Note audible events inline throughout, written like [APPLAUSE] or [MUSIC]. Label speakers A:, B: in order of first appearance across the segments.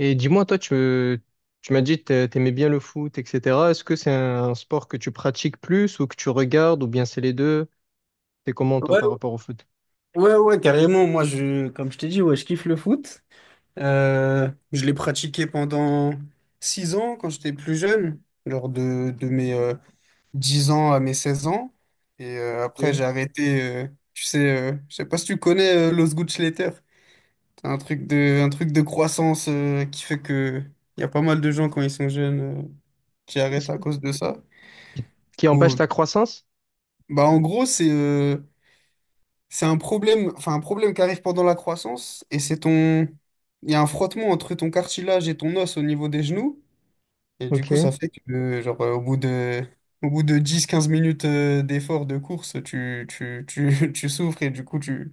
A: Et dis-moi, tu m'as dit que t'aimais bien le foot, etc. Est-ce que c'est un sport que tu pratiques plus ou que tu regardes ou bien c'est les deux? T'es comment, toi,
B: Ouais,
A: par rapport au foot?
B: ouais, carrément. Moi, comme je t'ai dit, ouais, je kiffe le foot. Je l'ai pratiqué pendant 6 ans quand j'étais plus jeune, lors de mes 10 ans à mes 16 ans. Et après,
A: Ok.
B: j'ai arrêté. Tu sais, je sais pas si tu connais Los Gutzletter. C'est un truc de croissance qui fait que il y a pas mal de gens quand ils sont jeunes qui arrêtent à cause de ça. Du
A: Qui empêche
B: coup,
A: ta croissance?
B: bah, en gros, c'est un problème, enfin un problème qui arrive pendant la croissance et il y a un frottement entre ton cartilage et ton os au niveau des genoux et du coup
A: Ok.
B: ça fait que genre au bout de dix quinze minutes d'effort de course [LAUGHS] tu souffres et du coup tu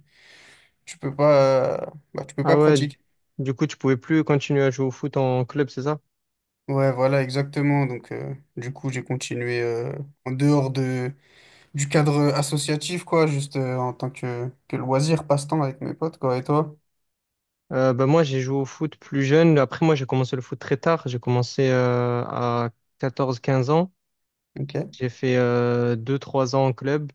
B: tu peux pas bah, tu peux pas
A: Ah ouais,
B: pratiquer.
A: du coup, tu pouvais plus continuer à jouer au foot en club, c'est ça?
B: Ouais, voilà exactement. Donc du coup, j'ai continué en dehors de du cadre associatif quoi, juste en tant que loisir, passe-temps avec mes potes quoi. Et toi?
A: Moi, j'ai joué au foot plus jeune. Après, moi, j'ai commencé le foot très tard. J'ai commencé à 14, 15 ans.
B: OK.
A: J'ai fait 2-3 ans en club.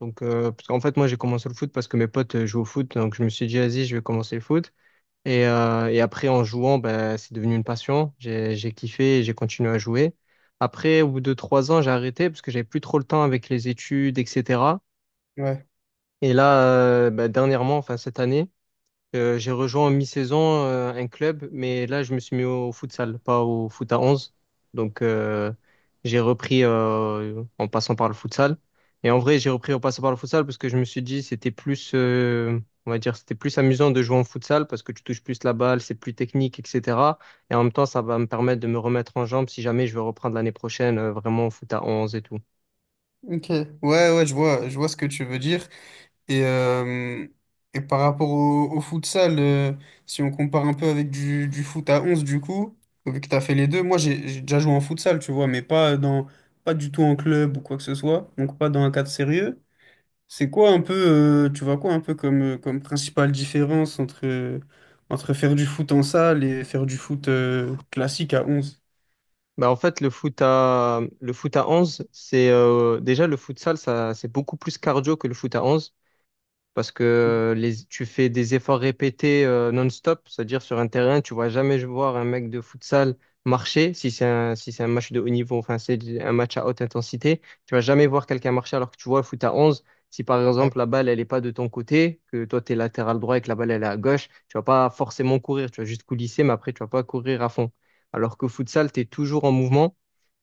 A: Parce qu'en fait, moi, j'ai commencé le foot parce que mes potes jouaient au foot. Donc, je me suis dit, vas-y, je vais commencer le foot. Et après, en jouant, ben, c'est devenu une passion. J'ai kiffé et j'ai continué à jouer. Après, au bout de 3 ans, j'ai arrêté parce que j'avais plus trop le temps avec les études, etc.
B: Ouais.
A: Et là, ben, dernièrement, enfin cette année, j'ai rejoint en mi-saison un club, mais là, je me suis mis au futsal, pas au foot à 11. Donc, euh, j'ai repris en passant par le futsal. Et en vrai, j'ai repris en passant par le futsal parce que je me suis dit, c'était plus, on va dire, c'était plus amusant de jouer en futsal parce que tu touches plus la balle, c'est plus technique, etc. Et en même temps, ça va me permettre de me remettre en jambe si jamais je veux reprendre l'année prochaine vraiment au foot à 11 et tout.
B: Ok, ouais, je vois ce que tu veux dire. Et, euh, et par rapport au, au futsal, si on compare un peu avec du foot à 11 du coup, vu que tu as fait les deux, moi j'ai déjà joué en futsal, tu vois, mais pas du tout en club ou quoi que ce soit, donc pas dans un cadre sérieux. C'est quoi un peu, tu vois quoi un peu comme principale différence entre faire du foot en salle et faire du foot, classique à onze.
A: Bah en fait, le foot à 11 c'est déjà le futsal, ça, c'est beaucoup plus cardio que le foot à 11. Parce que tu fais des efforts répétés non-stop, c'est-à-dire sur un terrain, tu vas jamais voir un mec de futsal marcher si c'est un match de haut niveau, enfin c'est un match à haute intensité, tu vas jamais voir quelqu'un marcher alors que tu vois le foot à 11. Si par
B: Ouais,
A: exemple la balle elle est pas de ton côté, que toi tu es latéral droit et que la balle elle est à gauche, tu vas pas forcément courir, tu vas juste coulisser mais après tu vas pas courir à fond. Alors que futsal, tu es toujours en mouvement.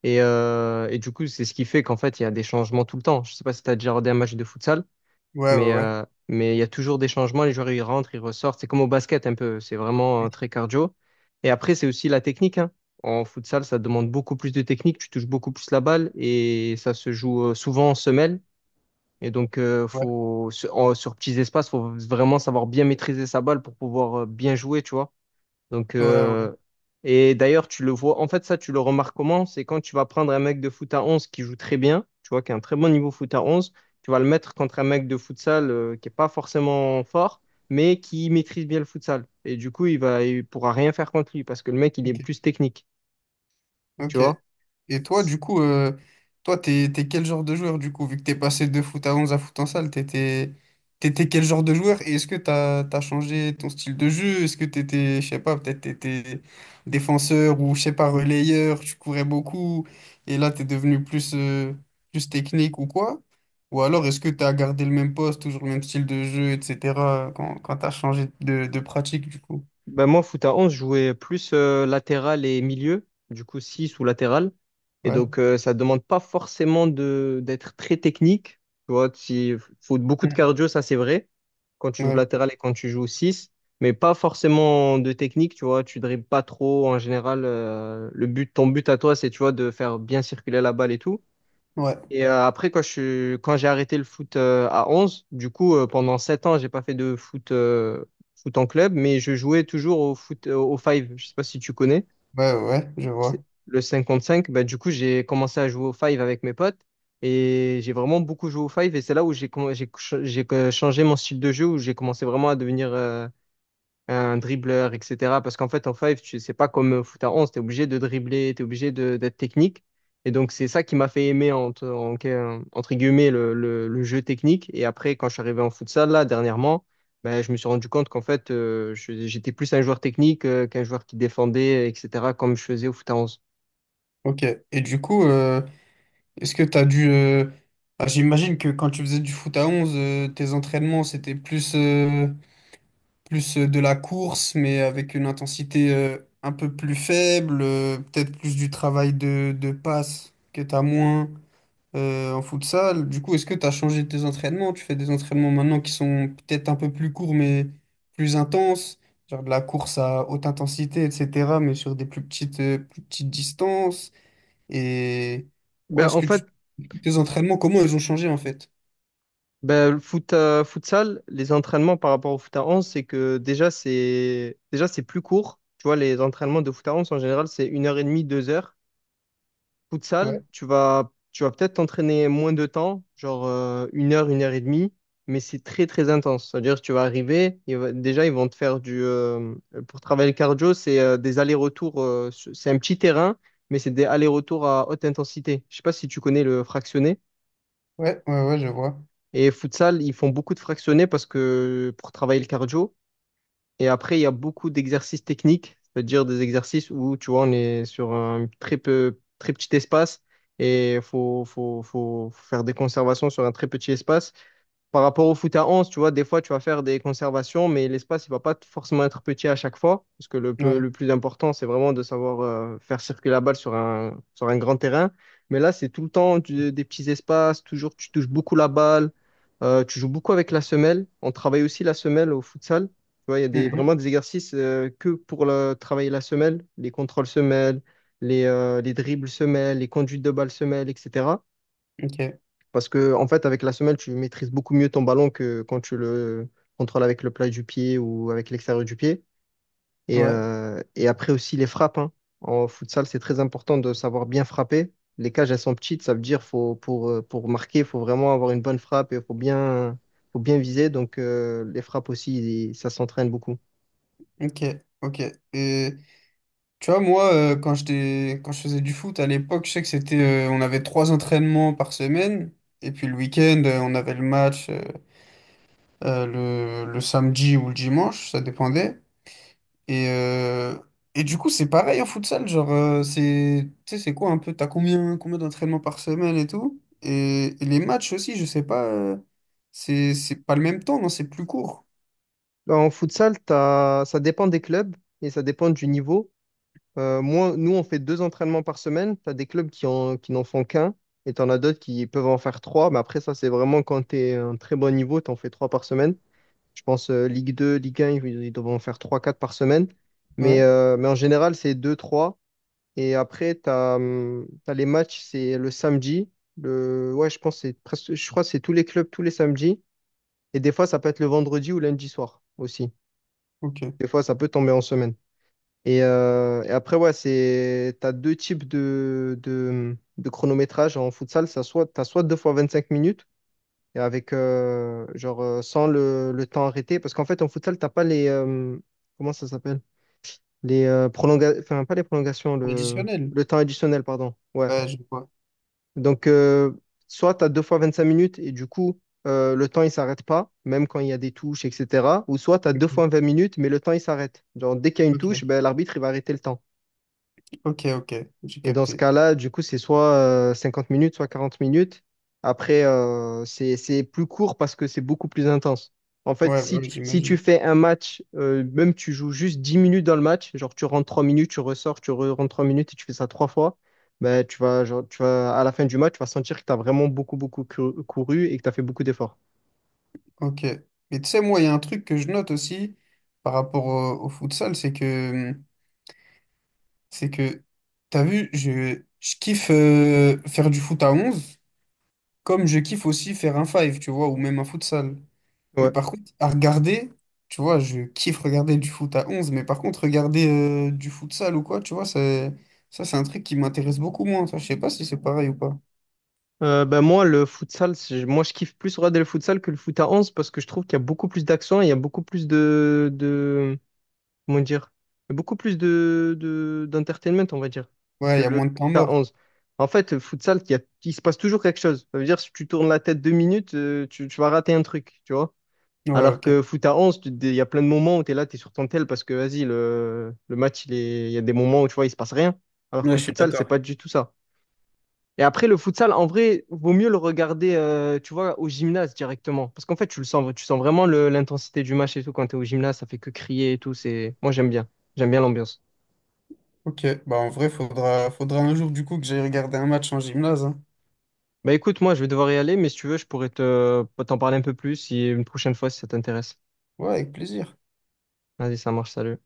A: Et du coup, c'est ce qui fait qu'en fait, il y a des changements tout le temps. Je sais pas si tu as déjà regardé un match de futsal,
B: ouais, ouais,
A: mais
B: ouais.
A: euh, mais il y a toujours des changements. Les joueurs, ils rentrent, ils ressortent. C'est comme au basket un peu. C'est vraiment très cardio. Et après, c'est aussi la technique, hein. En futsal, ça demande beaucoup plus de technique. Tu touches beaucoup plus la balle et ça se joue souvent en semelle. Et donc,
B: Ouais,
A: sur petits espaces, faut vraiment savoir bien maîtriser sa balle pour pouvoir bien jouer, tu vois. Donc,
B: ouais.
A: euh, et d'ailleurs, tu le vois, en fait, ça, tu le remarques comment? C'est quand tu vas prendre un mec de foot à 11 qui joue très bien, tu vois, qui a un très bon niveau foot à 11, tu vas le mettre contre un mec de futsal qui est pas forcément fort, mais qui maîtrise bien le futsal. Et du coup, il pourra rien faire contre lui parce que le mec, il est
B: Ok,
A: plus technique, tu
B: ok.
A: vois.
B: Et toi, du coup, toi, t'es quel genre de joueur, du coup, vu que t'es passé de foot à 11 à foot en salle, t'étais quel genre de joueur? Et est-ce que t'as changé ton style de jeu? Est-ce que t'étais, je sais pas, peut-être t'étais défenseur ou, je sais pas, relayeur, tu courais beaucoup, et là, t'es devenu plus, plus technique ou quoi? Ou alors, est-ce que t'as gardé le même poste, toujours le même style de jeu, etc., quand t'as changé de pratique, du coup?
A: Ben moi, foot à 11 je jouais plus latéral et milieu, du coup 6 ou latéral. Et
B: Ouais.
A: donc, ça demande pas forcément de d'être très technique. Tu vois, il faut beaucoup de
B: Mm.
A: cardio, ça c'est vrai, quand tu joues
B: Ouais,
A: latéral et quand tu joues 6 mais pas forcément de technique, tu vois, tu dribbles pas trop en général. Ton but à toi, c'est, tu vois, de faire bien circuler la balle et tout.
B: ouais,
A: Et après, quand j'ai arrêté le foot à 11, du coup, pendant 7 ans, j'ai pas fait de foot, foot en club, mais je jouais toujours au foot, au five. Je sais pas si tu connais,
B: ouais, je vois.
A: c'est le 5 contre 5. Bah, du coup, j'ai commencé à jouer au five avec mes potes et j'ai vraiment beaucoup joué au five. Et c'est là où j'ai com- j'ai ch- j'ai, changé mon style de jeu, où j'ai commencé vraiment à devenir un dribbleur, etc. Parce qu'en fait, en five, tu c'est pas comme foot à 11 tu es obligé de dribbler, tu es obligé de- d'être technique. Et donc, c'est ça qui m'a fait aimer, entre guillemets, le jeu technique. Et après, quand je suis arrivé en futsal, là, dernièrement, ben, je me suis rendu compte qu'en fait, j'étais plus un joueur technique qu'un joueur qui défendait, etc., comme je faisais au foot à 11.
B: Ok. Et du coup, est-ce que tu as dû... ah, j'imagine que quand tu faisais du foot à 11, tes entraînements, c'était plus, de la course, mais avec une intensité un peu plus faible, peut-être plus du travail de passe que tu as moins en futsal. Du coup, est-ce que tu as changé tes entraînements? Tu fais des entraînements maintenant qui sont peut-être un peu plus courts, mais plus intenses, genre de la course à haute intensité, etc., mais sur des plus petites distances. Et ouais,
A: Ben,
B: est-ce
A: en
B: que tu...
A: fait,
B: tes entraînements, comment ils ont changé en fait?
A: le futsal, les entraînements par rapport au foot à 11 c'est que déjà, c'est plus court. Tu vois, les entraînements de foot à 11 en général, c'est une heure et demie, 2 heures.
B: Ouais,
A: Futsal, tu vas peut-être t'entraîner moins de temps, genre 1 heure, 1 heure et demie, mais c'est très très intense. C'est-à-dire que tu vas arriver, déjà ils vont te faire du... pour travailler le cardio, c'est des allers-retours, c'est un petit terrain, mais c'est des allers-retours à haute intensité. Je sais pas si tu connais le fractionné.
B: ouais, je vois.
A: Et futsal, ils font beaucoup de fractionnés parce que pour travailler le cardio. Et après, il y a beaucoup d'exercices techniques, c'est-à-dire des exercices où, tu vois, on est sur un très petit espace et faut faire des conservations sur un très petit espace. Par rapport au foot à 11, tu vois, des fois, tu vas faire des conservations, mais l'espace, il va pas forcément être petit à chaque fois, parce que
B: Ouais.
A: le plus important, c'est vraiment de savoir faire circuler la balle sur sur un grand terrain. Mais là, c'est tout le temps des petits espaces, toujours, tu touches beaucoup la balle, tu joues beaucoup avec la semelle. On travaille aussi la semelle au futsal. Tu vois, il y a des, vraiment
B: Mhm.
A: des exercices que pour travailler la semelle, les contrôles semelles, les dribbles semelles, les conduites de balle semelles, etc.
B: Ok,
A: Parce que, en fait, avec la semelle, tu maîtrises beaucoup mieux ton ballon que quand tu le contrôles avec le plat du pied ou avec l'extérieur du pied. Et,
B: ouais,
A: euh, et après aussi les frappes, hein. En futsal, c'est très important de savoir bien frapper. Les cages, elles sont petites, ça veut dire faut, pour marquer, il faut vraiment avoir une bonne frappe et faut bien viser. Donc, les frappes aussi, ça s'entraîne beaucoup.
B: ok, ok. Et tu vois, moi, quand j'étais, quand je faisais du foot à l'époque, je sais que c'était, on avait trois entraînements par semaine. Et puis le week-end, on avait le match euh, le samedi ou le dimanche, ça dépendait. Et, euh, et du coup, c'est pareil en futsal, genre, c'est, tu sais, c'est quoi un peu, combien d'entraînements par semaine et tout? Et les matchs aussi, je sais pas, c'est pas le même temps, non, c'est plus court.
A: En futsal, ça dépend des clubs et ça dépend du niveau. Nous, on fait 2 entraînements par semaine. Tu as des clubs qui n'en font qu'un et tu en as d'autres qui peuvent en faire 3. Mais après, ça, c'est vraiment quand tu es un très bon niveau, tu en fais 3 par semaine. Je pense Ligue 2, Ligue 1, ils doivent en faire 3, 4 par semaine. Mais,
B: Ouais,
A: mais en général, c'est 2, 3. Et après, les matchs, c'est le samedi. Ouais, je pense que c'est presque, je crois que c'est tous les clubs tous les samedis. Et des fois, ça peut être le vendredi ou lundi soir aussi.
B: ok.
A: Des fois, ça peut tomber en semaine. Et après, ouais, c'est, t'as deux types de chronométrage en futsal. T'as soit 2 fois 25 minutes, et avec, sans le temps arrêté. Parce qu'en fait, en futsal, t'as pas comment ça s'appelle? Enfin, pas les prolongations,
B: Additionnel.
A: le temps additionnel, pardon. Ouais.
B: Ouais, je vois.
A: Donc, soit t'as 2 fois 25 minutes, et du coup, le temps, il s'arrête pas, même quand il y a des touches, etc. Ou soit t'as deux fois
B: Ok,
A: vingt minutes, mais le temps, il s'arrête. Genre, dès qu'il y a une
B: ok,
A: touche, ben, l'arbitre, il va arrêter le temps.
B: ok, j'ai
A: Et dans ce
B: capté.
A: cas-là, du coup, c'est soit 50 minutes, soit 40 minutes. Après, c'est plus court parce que c'est beaucoup plus intense. En fait,
B: Ouais, bah ouais,
A: si tu
B: j'imagine.
A: fais un match, même tu joues juste 10 minutes dans le match, genre tu rentres 3 minutes, tu ressors, rentres 3 minutes et tu fais ça 3 fois, ben, tu vas, à la fin du match, tu vas sentir que tu as vraiment beaucoup, couru et que tu as fait beaucoup d'efforts.
B: Ok. Mais tu sais, moi, il y a un truc que je note aussi par rapport au futsal, c'est que, t'as vu, je kiffe faire du foot à onze, comme je kiffe aussi faire un five, tu vois, ou même un futsal. Mais
A: Ouais.
B: par contre, à regarder, tu vois, je kiffe regarder du foot à 11. Mais par contre, regarder du futsal ou quoi, tu vois, ça, c'est un truc qui m'intéresse beaucoup moins. Ça, je sais pas si c'est pareil ou pas.
A: Ben moi, le futsal, je kiffe plus regarder le futsal que le foot à 11 parce que je trouve qu'il y a beaucoup plus d'accent et il y a beaucoup plus comment dire, beaucoup plus d'entertainment, on va dire,
B: Ouais,
A: que
B: il y a
A: le
B: moins de temps
A: k
B: mort.
A: onze. En fait, futsal, il se passe toujours quelque chose. Ça veut dire, si tu tournes la tête 2 minutes, tu vas rater un truc, tu vois.
B: Ouais,
A: Alors
B: ok.
A: que foot à 11 il y a plein de moments où tu es là, tu es sur ton tel parce que, vas-y, le match, il y a des moments où, tu vois, il se passe rien. Alors
B: Ouais,
A: que
B: je suis
A: futsal, c'est
B: d'accord.
A: pas du tout ça. Et après, le futsal, en vrai, vaut mieux le regarder, tu vois, au gymnase directement. Parce qu'en fait, tu le sens, tu sens vraiment l'intensité du match et tout. Quand t'es au gymnase, ça fait que crier et tout. C'est... moi, j'aime bien. J'aime bien l'ambiance.
B: Ok, bah en vrai, faudra un jour du coup que j'aille regarder un match en gymnase, hein.
A: Bah écoute, moi, je vais devoir y aller, mais si tu veux, je pourrais te... t'en parler un peu plus si une prochaine fois, si ça t'intéresse.
B: Ouais, avec plaisir.
A: Vas-y, ça marche, salut.